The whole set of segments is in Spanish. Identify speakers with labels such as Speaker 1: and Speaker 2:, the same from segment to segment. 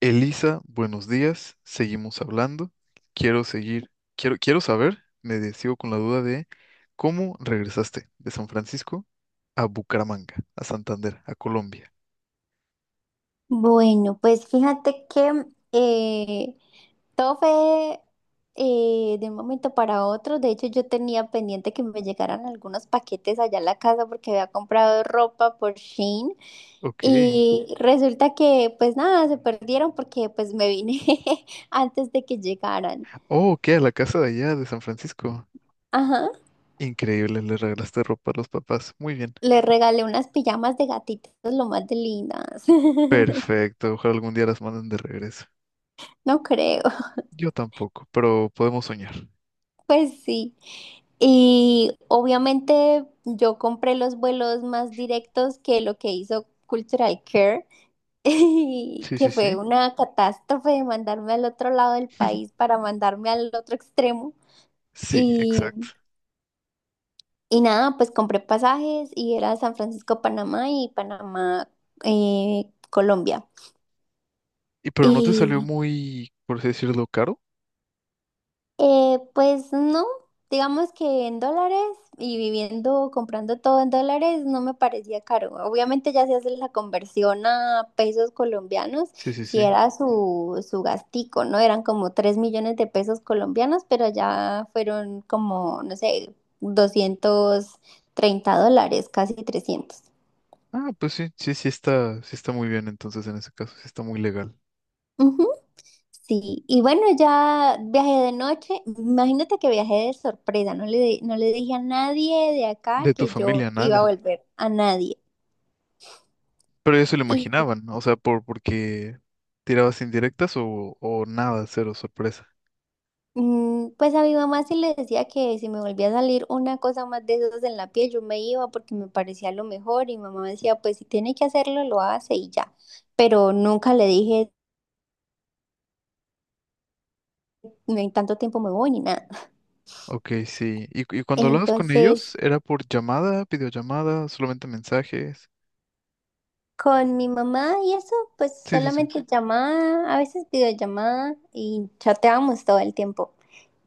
Speaker 1: Elisa, buenos días. Seguimos hablando. Quiero seguir, quiero saber, sigo con la duda de cómo regresaste de San Francisco a Bucaramanga, a Santander, a Colombia.
Speaker 2: Bueno, pues fíjate que eh, todo fue de un momento para otro. De hecho, yo tenía pendiente que me llegaran algunos paquetes allá a la casa porque había comprado ropa por Shein
Speaker 1: Ok.
Speaker 2: y Ujú. Resulta que pues nada, se perdieron porque pues me vine antes de que llegaran.
Speaker 1: Oh, ok, a la casa de allá de San Francisco.
Speaker 2: Ajá,
Speaker 1: Increíble, le regalaste ropa a los papás. Muy bien.
Speaker 2: le regalé unas pijamas de gatitos lo más de lindas.
Speaker 1: Perfecto. Ojalá algún día las manden de regreso.
Speaker 2: No creo.
Speaker 1: Yo tampoco, pero podemos soñar.
Speaker 2: Pues sí. Y obviamente yo compré los vuelos más directos que lo que hizo Cultural Care, y
Speaker 1: Sí, sí,
Speaker 2: que fue
Speaker 1: sí.
Speaker 2: una catástrofe de mandarme al otro lado del país para mandarme al otro extremo.
Speaker 1: Sí,
Speaker 2: Y,
Speaker 1: exacto.
Speaker 2: y nada, pues compré pasajes y era San Francisco, Panamá y Panamá, Colombia.
Speaker 1: Y pero no te salió
Speaker 2: Y
Speaker 1: muy, por así decirlo, caro.
Speaker 2: Pues no, digamos que en dólares y viviendo, comprando todo en dólares, no me parecía caro. Obviamente ya se hace la conversión a pesos colombianos,
Speaker 1: Sí, sí,
Speaker 2: si
Speaker 1: sí.
Speaker 2: era su gastico, ¿no? Eran como 3 millones de pesos colombianos, pero ya fueron como, no sé, $230, casi 300.
Speaker 1: Ah, pues sí, sí, sí está muy bien entonces en ese caso, sí está muy legal.
Speaker 2: Ujú. Sí, y bueno, ya viajé de noche. Imagínate que viajé de sorpresa, no le dije a nadie de acá
Speaker 1: De tu
Speaker 2: que yo
Speaker 1: familia,
Speaker 2: iba a
Speaker 1: nada.
Speaker 2: volver, a nadie.
Speaker 1: Pero eso lo
Speaker 2: Y
Speaker 1: imaginaban, ¿no? O sea, porque tirabas indirectas o nada, cero sorpresa.
Speaker 2: pues a mi mamá sí le decía que si me volvía a salir una cosa más de esas en la piel, yo me iba porque me parecía lo mejor. Y mi mamá decía, pues si tiene que hacerlo, lo hace y ya. Pero nunca le dije, "No, en tanto tiempo me voy ni nada".
Speaker 1: Ok, sí. ¿Y cuando hablabas con ellos,
Speaker 2: Entonces,
Speaker 1: ¿era por llamada, videollamada, solamente mensajes?
Speaker 2: con mi mamá y eso, pues
Speaker 1: Sí, sí, sí.
Speaker 2: solamente llamada, a veces videollamada y chateábamos todo el tiempo.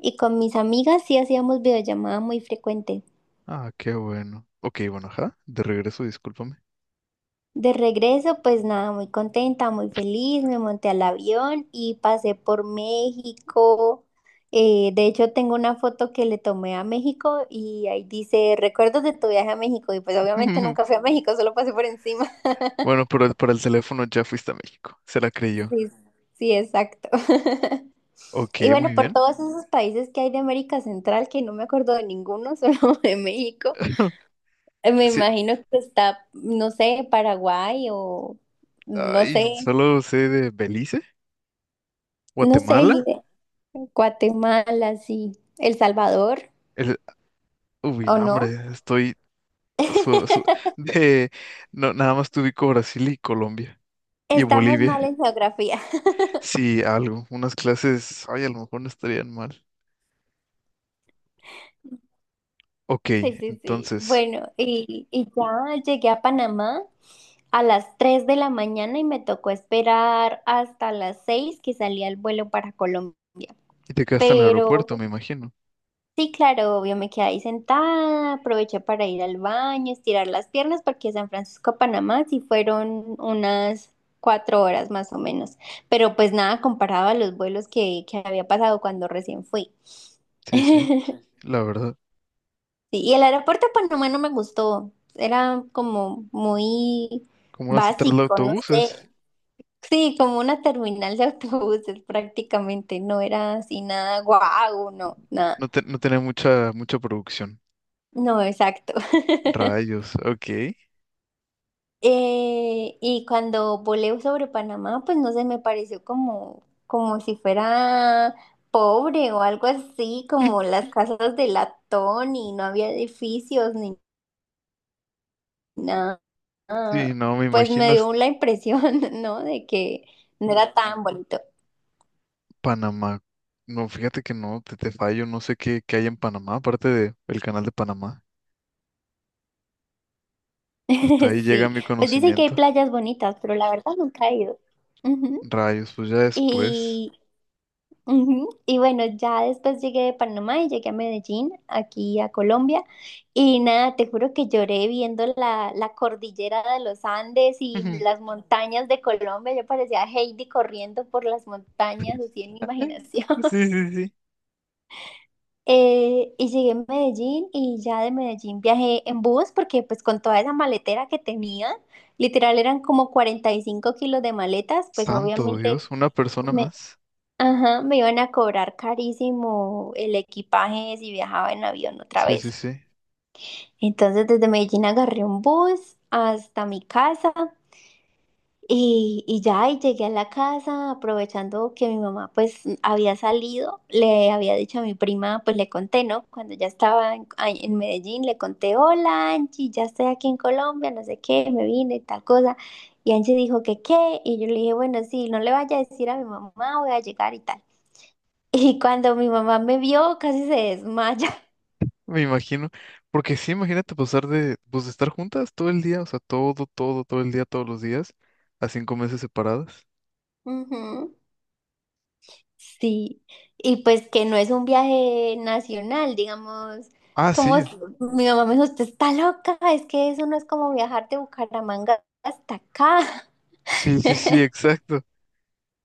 Speaker 2: Y con mis amigas sí hacíamos videollamada muy frecuente.
Speaker 1: Ah, qué bueno. Ok, bueno, ajá, de regreso, discúlpame.
Speaker 2: De regreso, pues nada, muy contenta, muy feliz, me monté al avión y pasé por México. De hecho, tengo una foto que le tomé a México y ahí dice, recuerdos de tu viaje a México. Y pues obviamente nunca fui a México, solo pasé por encima.
Speaker 1: Bueno, pero para el teléfono ya fuiste a México, se la creyó.
Speaker 2: Sí, sí, exacto.
Speaker 1: Ok,
Speaker 2: Y
Speaker 1: muy
Speaker 2: bueno, por
Speaker 1: bien.
Speaker 2: todos esos países que hay de América Central, que no me acuerdo de ninguno, solo de México, me
Speaker 1: Sí,
Speaker 2: imagino que está, no sé, Paraguay o no
Speaker 1: ay,
Speaker 2: sé,
Speaker 1: solo sé de Belice,
Speaker 2: no sé,
Speaker 1: Guatemala.
Speaker 2: ni idea. Guatemala, sí, El Salvador,
Speaker 1: El, uy,
Speaker 2: ¿o
Speaker 1: no,
Speaker 2: no?
Speaker 1: hombre, estoy su- su- de, no, nada más te ubico Brasil y Colombia y
Speaker 2: Estamos
Speaker 1: Bolivia.
Speaker 2: mal en geografía.
Speaker 1: Sí, algo, unas clases, ay, a lo mejor no estarían mal. Ok,
Speaker 2: Sí, sí, sí.
Speaker 1: entonces,
Speaker 2: Bueno, y ya llegué a Panamá a las 3 de la mañana y me tocó esperar hasta las 6 que salía el vuelo para Colombia.
Speaker 1: y te quedaste en el
Speaker 2: Pero
Speaker 1: aeropuerto, me imagino.
Speaker 2: sí, claro, obvio, me quedé ahí sentada, aproveché para ir al baño, estirar las piernas, porque San Francisco a Panamá sí fueron unas 4 horas más o menos. Pero pues nada comparado a los vuelos que había pasado cuando recién fui.
Speaker 1: Sí, sí, la verdad.
Speaker 2: Sí, y el aeropuerto de Panamá no me gustó. Era como muy
Speaker 1: Como una central de
Speaker 2: básico, no sé.
Speaker 1: autobuses,
Speaker 2: Sí, como una terminal de autobuses prácticamente. No era así nada guau, no, nada.
Speaker 1: no, no tenía mucha, mucha producción.
Speaker 2: No, exacto.
Speaker 1: Rayos, ok.
Speaker 2: Y cuando volé sobre Panamá, pues no sé, me pareció como, como si fuera pobre o algo así, como las casas de latón y no había edificios ni nada.
Speaker 1: Sí,
Speaker 2: Ah,
Speaker 1: no, me
Speaker 2: pues me
Speaker 1: imagino es
Speaker 2: dio la impresión, ¿no? De que no era tan bonito.
Speaker 1: Panamá. No, fíjate que no, te fallo, no sé qué, qué hay en Panamá, aparte del canal de Panamá. Hasta ahí llega
Speaker 2: Sí,
Speaker 1: mi
Speaker 2: pues dicen que hay
Speaker 1: conocimiento.
Speaker 2: playas bonitas, pero la verdad nunca he ido. Ujú.
Speaker 1: Rayos, pues ya después.
Speaker 2: Y, ujú. Y bueno, ya después llegué de Panamá y llegué a Medellín, aquí a Colombia. Y nada, te juro que lloré viendo la, la cordillera de los Andes y las montañas de Colombia. Yo parecía Heidi corriendo por las montañas, así en mi imaginación.
Speaker 1: Sí, sí, sí.
Speaker 2: Y llegué a Medellín y ya de Medellín viajé en bus porque pues con toda esa maletera que tenía, literal eran como 45 kilos de maletas, pues
Speaker 1: Santo
Speaker 2: obviamente
Speaker 1: Dios, una persona
Speaker 2: me,
Speaker 1: más.
Speaker 2: ajá, me iban a cobrar carísimo el equipaje si viajaba en avión otra
Speaker 1: Sí, sí,
Speaker 2: vez.
Speaker 1: sí.
Speaker 2: Entonces desde Medellín agarré un bus hasta mi casa y ya, y llegué a la casa aprovechando que mi mamá pues había salido, le había dicho a mi prima, pues le conté, ¿no? Cuando ya estaba ahí en Medellín, le conté, hola Angie, ya estoy aquí en Colombia, no sé qué, me vine, tal cosa. Y Angie dijo que qué, y yo le dije, bueno, sí, no le vaya a decir a mi mamá, voy a llegar y tal. Y cuando mi mamá me vio, casi se desmaya.
Speaker 1: Me imagino. Porque sí, imagínate pasar de, pues, de estar juntas todo el día, o sea, todo, todo, todo el día, todos los días, a 5 meses separadas.
Speaker 2: Ujú. Sí, y pues que no es un viaje nacional, digamos,
Speaker 1: Ah,
Speaker 2: como
Speaker 1: sí,
Speaker 2: s- mi mamá me dijo, usted está loca, es que eso no es como viajar de Bucaramanga hasta acá,
Speaker 1: sí, sí, sí, exacto.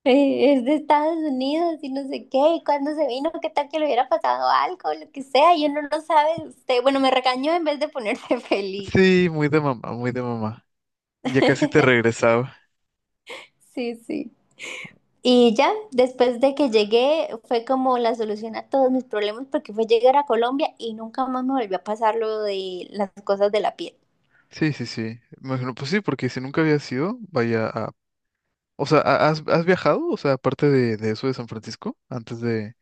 Speaker 2: es de Estados Unidos y no sé qué, y cuando se vino, qué tal que le hubiera pasado algo, lo que sea, y uno no sabe, usted, bueno, me regañó en vez de ponerse feliz.
Speaker 1: Sí, muy de mamá, muy de mamá. Y ya casi te regresaba.
Speaker 2: Sí, sí. Y ya, después de que llegué, fue como la solución a todos mis problemas porque fue llegar a Colombia y nunca más me volvió a pasar lo de las cosas de la piel.
Speaker 1: Sí, sí, sí. Me imagino, pues sí, porque si nunca había sido, vaya, a... O sea, ¿has viajado? O sea, aparte de eso de San Francisco, antes de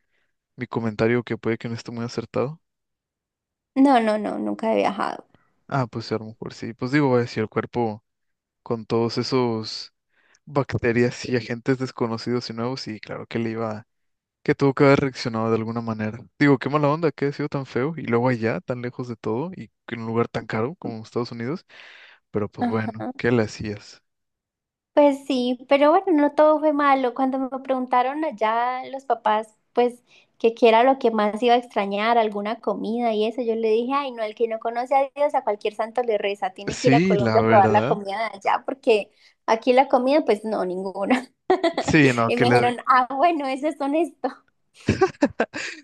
Speaker 1: mi comentario que puede que no esté muy acertado.
Speaker 2: No, no, no, nunca he viajado.
Speaker 1: Ah, pues sí, a lo mejor sí. Pues digo, vaya, si el cuerpo con todos esos bacterias y agentes desconocidos y nuevos, y claro que le iba, que tuvo que haber reaccionado de alguna manera. Digo, qué mala onda que ha sido tan feo y luego allá, tan lejos de todo y en un lugar tan caro como Estados Unidos, pero pues bueno, ¿qué
Speaker 2: Ajá.
Speaker 1: le hacías?
Speaker 2: Pues sí, pero bueno, no todo fue malo. Cuando me preguntaron allá los papás, pues que qué era lo que más iba a extrañar, alguna comida y eso, yo le dije, ay, no, el que no conoce a Dios, a cualquier santo le reza, tiene que ir a
Speaker 1: Sí, la
Speaker 2: Colombia a probar la
Speaker 1: verdad.
Speaker 2: comida de allá, porque aquí la comida, pues no, ninguna.
Speaker 1: Sí, no,
Speaker 2: Y
Speaker 1: que
Speaker 2: me
Speaker 1: le...
Speaker 2: dijeron, ah, bueno, eso es honesto.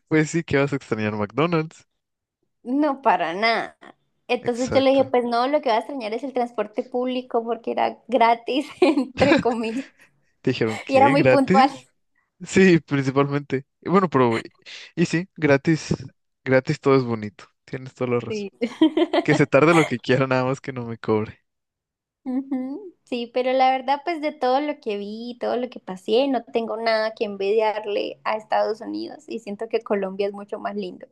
Speaker 1: Pues sí, que vas a extrañar McDonald's.
Speaker 2: No, para nada. Entonces yo le dije,
Speaker 1: Exacto.
Speaker 2: pues no, lo que va a extrañar es el transporte público porque era gratis, entre comillas,
Speaker 1: Te dijeron,
Speaker 2: y era
Speaker 1: ¿qué?
Speaker 2: muy puntual.
Speaker 1: ¿Gratis? Sí, principalmente. Y bueno, pero, y sí, gratis, gratis todo es bonito. Tienes toda la razón.
Speaker 2: Sí.
Speaker 1: Que se tarde lo que quiera, nada más que no me cobre.
Speaker 2: Ujú, sí, pero la verdad, pues de todo lo que vi, todo lo que pasé, no tengo nada que envidiarle a Estados Unidos y siento que Colombia es mucho más lindo.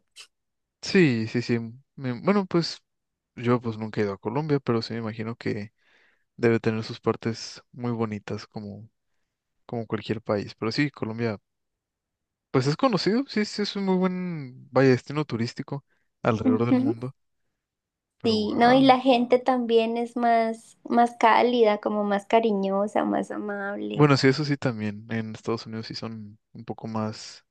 Speaker 1: Sí, sí, sí. Bueno, pues yo pues nunca he ido a Colombia, pero sí me imagino que debe tener sus partes muy bonitas como, como cualquier país. Pero sí, Colombia, pues es conocido, sí, sí, es un muy buen, vaya, destino turístico alrededor del
Speaker 2: Ujú,
Speaker 1: mundo. Pero
Speaker 2: sí, no, y
Speaker 1: wow.
Speaker 2: la gente también es más, más cálida, como más cariñosa, más amable.
Speaker 1: Bueno, sí, eso sí también. En Estados Unidos sí son un poco más...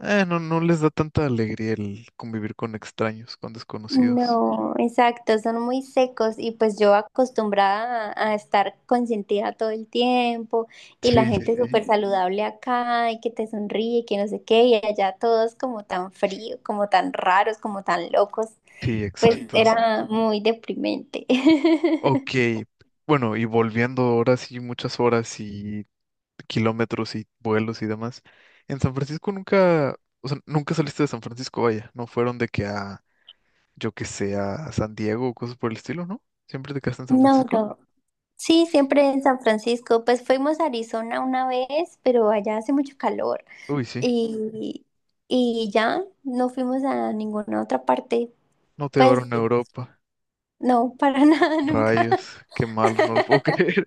Speaker 1: No, no les da tanta alegría el convivir con extraños, con desconocidos.
Speaker 2: No, exacto, son muy secos y pues yo acostumbrada a estar consentida todo el tiempo y la
Speaker 1: Sí, sí,
Speaker 2: gente súper
Speaker 1: sí.
Speaker 2: saludable acá y que te sonríe, que no sé qué, y allá todos como tan fríos, como tan raros, como tan locos,
Speaker 1: Sí,
Speaker 2: pues
Speaker 1: exacto.
Speaker 2: era muy deprimente.
Speaker 1: Ok, bueno, y volviendo ahora sí muchas horas y kilómetros y vuelos y demás. En San Francisco nunca, o sea, nunca saliste de San Francisco, vaya. No fueron de que a, yo que sé, a San Diego o cosas por el estilo, ¿no? Siempre te quedaste en San
Speaker 2: No,
Speaker 1: Francisco.
Speaker 2: no. Sí, siempre en San Francisco. Pues fuimos a Arizona una vez, pero allá hace mucho calor.
Speaker 1: Uy, sí.
Speaker 2: Y, y ya no fuimos a ninguna otra parte.
Speaker 1: No te
Speaker 2: Pues
Speaker 1: llevaron a Europa.
Speaker 2: no, para nada, nunca
Speaker 1: Rayos, qué malos, no lo puedo creer.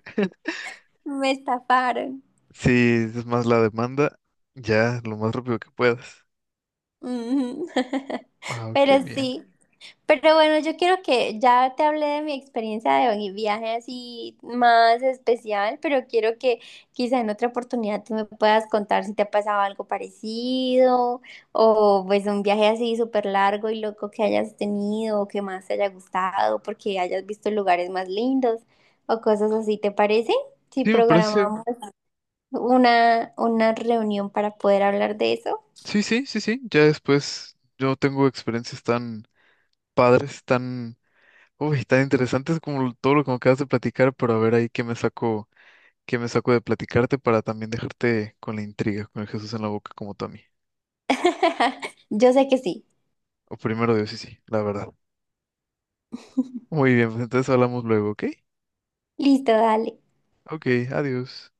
Speaker 2: me estafaron.
Speaker 1: Sí, es más la demanda, ya lo más rápido que puedas.
Speaker 2: Ujú.
Speaker 1: Ah,
Speaker 2: Pero
Speaker 1: qué bien.
Speaker 2: sí, pero bueno, yo quiero que ya te hablé de mi experiencia de mi viaje así más especial, pero quiero que quizá en otra oportunidad tú me puedas contar si te ha pasado algo parecido o pues un viaje así súper largo y loco que hayas tenido o que más te haya gustado porque hayas visto lugares más lindos o cosas así, ¿te parece? Si
Speaker 1: Sí, me parece.
Speaker 2: programamos una reunión para poder hablar de eso?
Speaker 1: Sí, sí, sí, sí. Ya después yo tengo experiencias tan padres, tan, uy, tan interesantes como todo lo que me acabas de platicar, pero a ver ahí qué me saco de platicarte para también dejarte con la intriga, con el Jesús en la boca como tú a mí.
Speaker 2: Yo sé que sí.
Speaker 1: O primero Dios, sí, sí, la verdad. Muy bien, pues entonces hablamos luego, ¿ok?
Speaker 2: Listo, dale.
Speaker 1: Ok, adiós.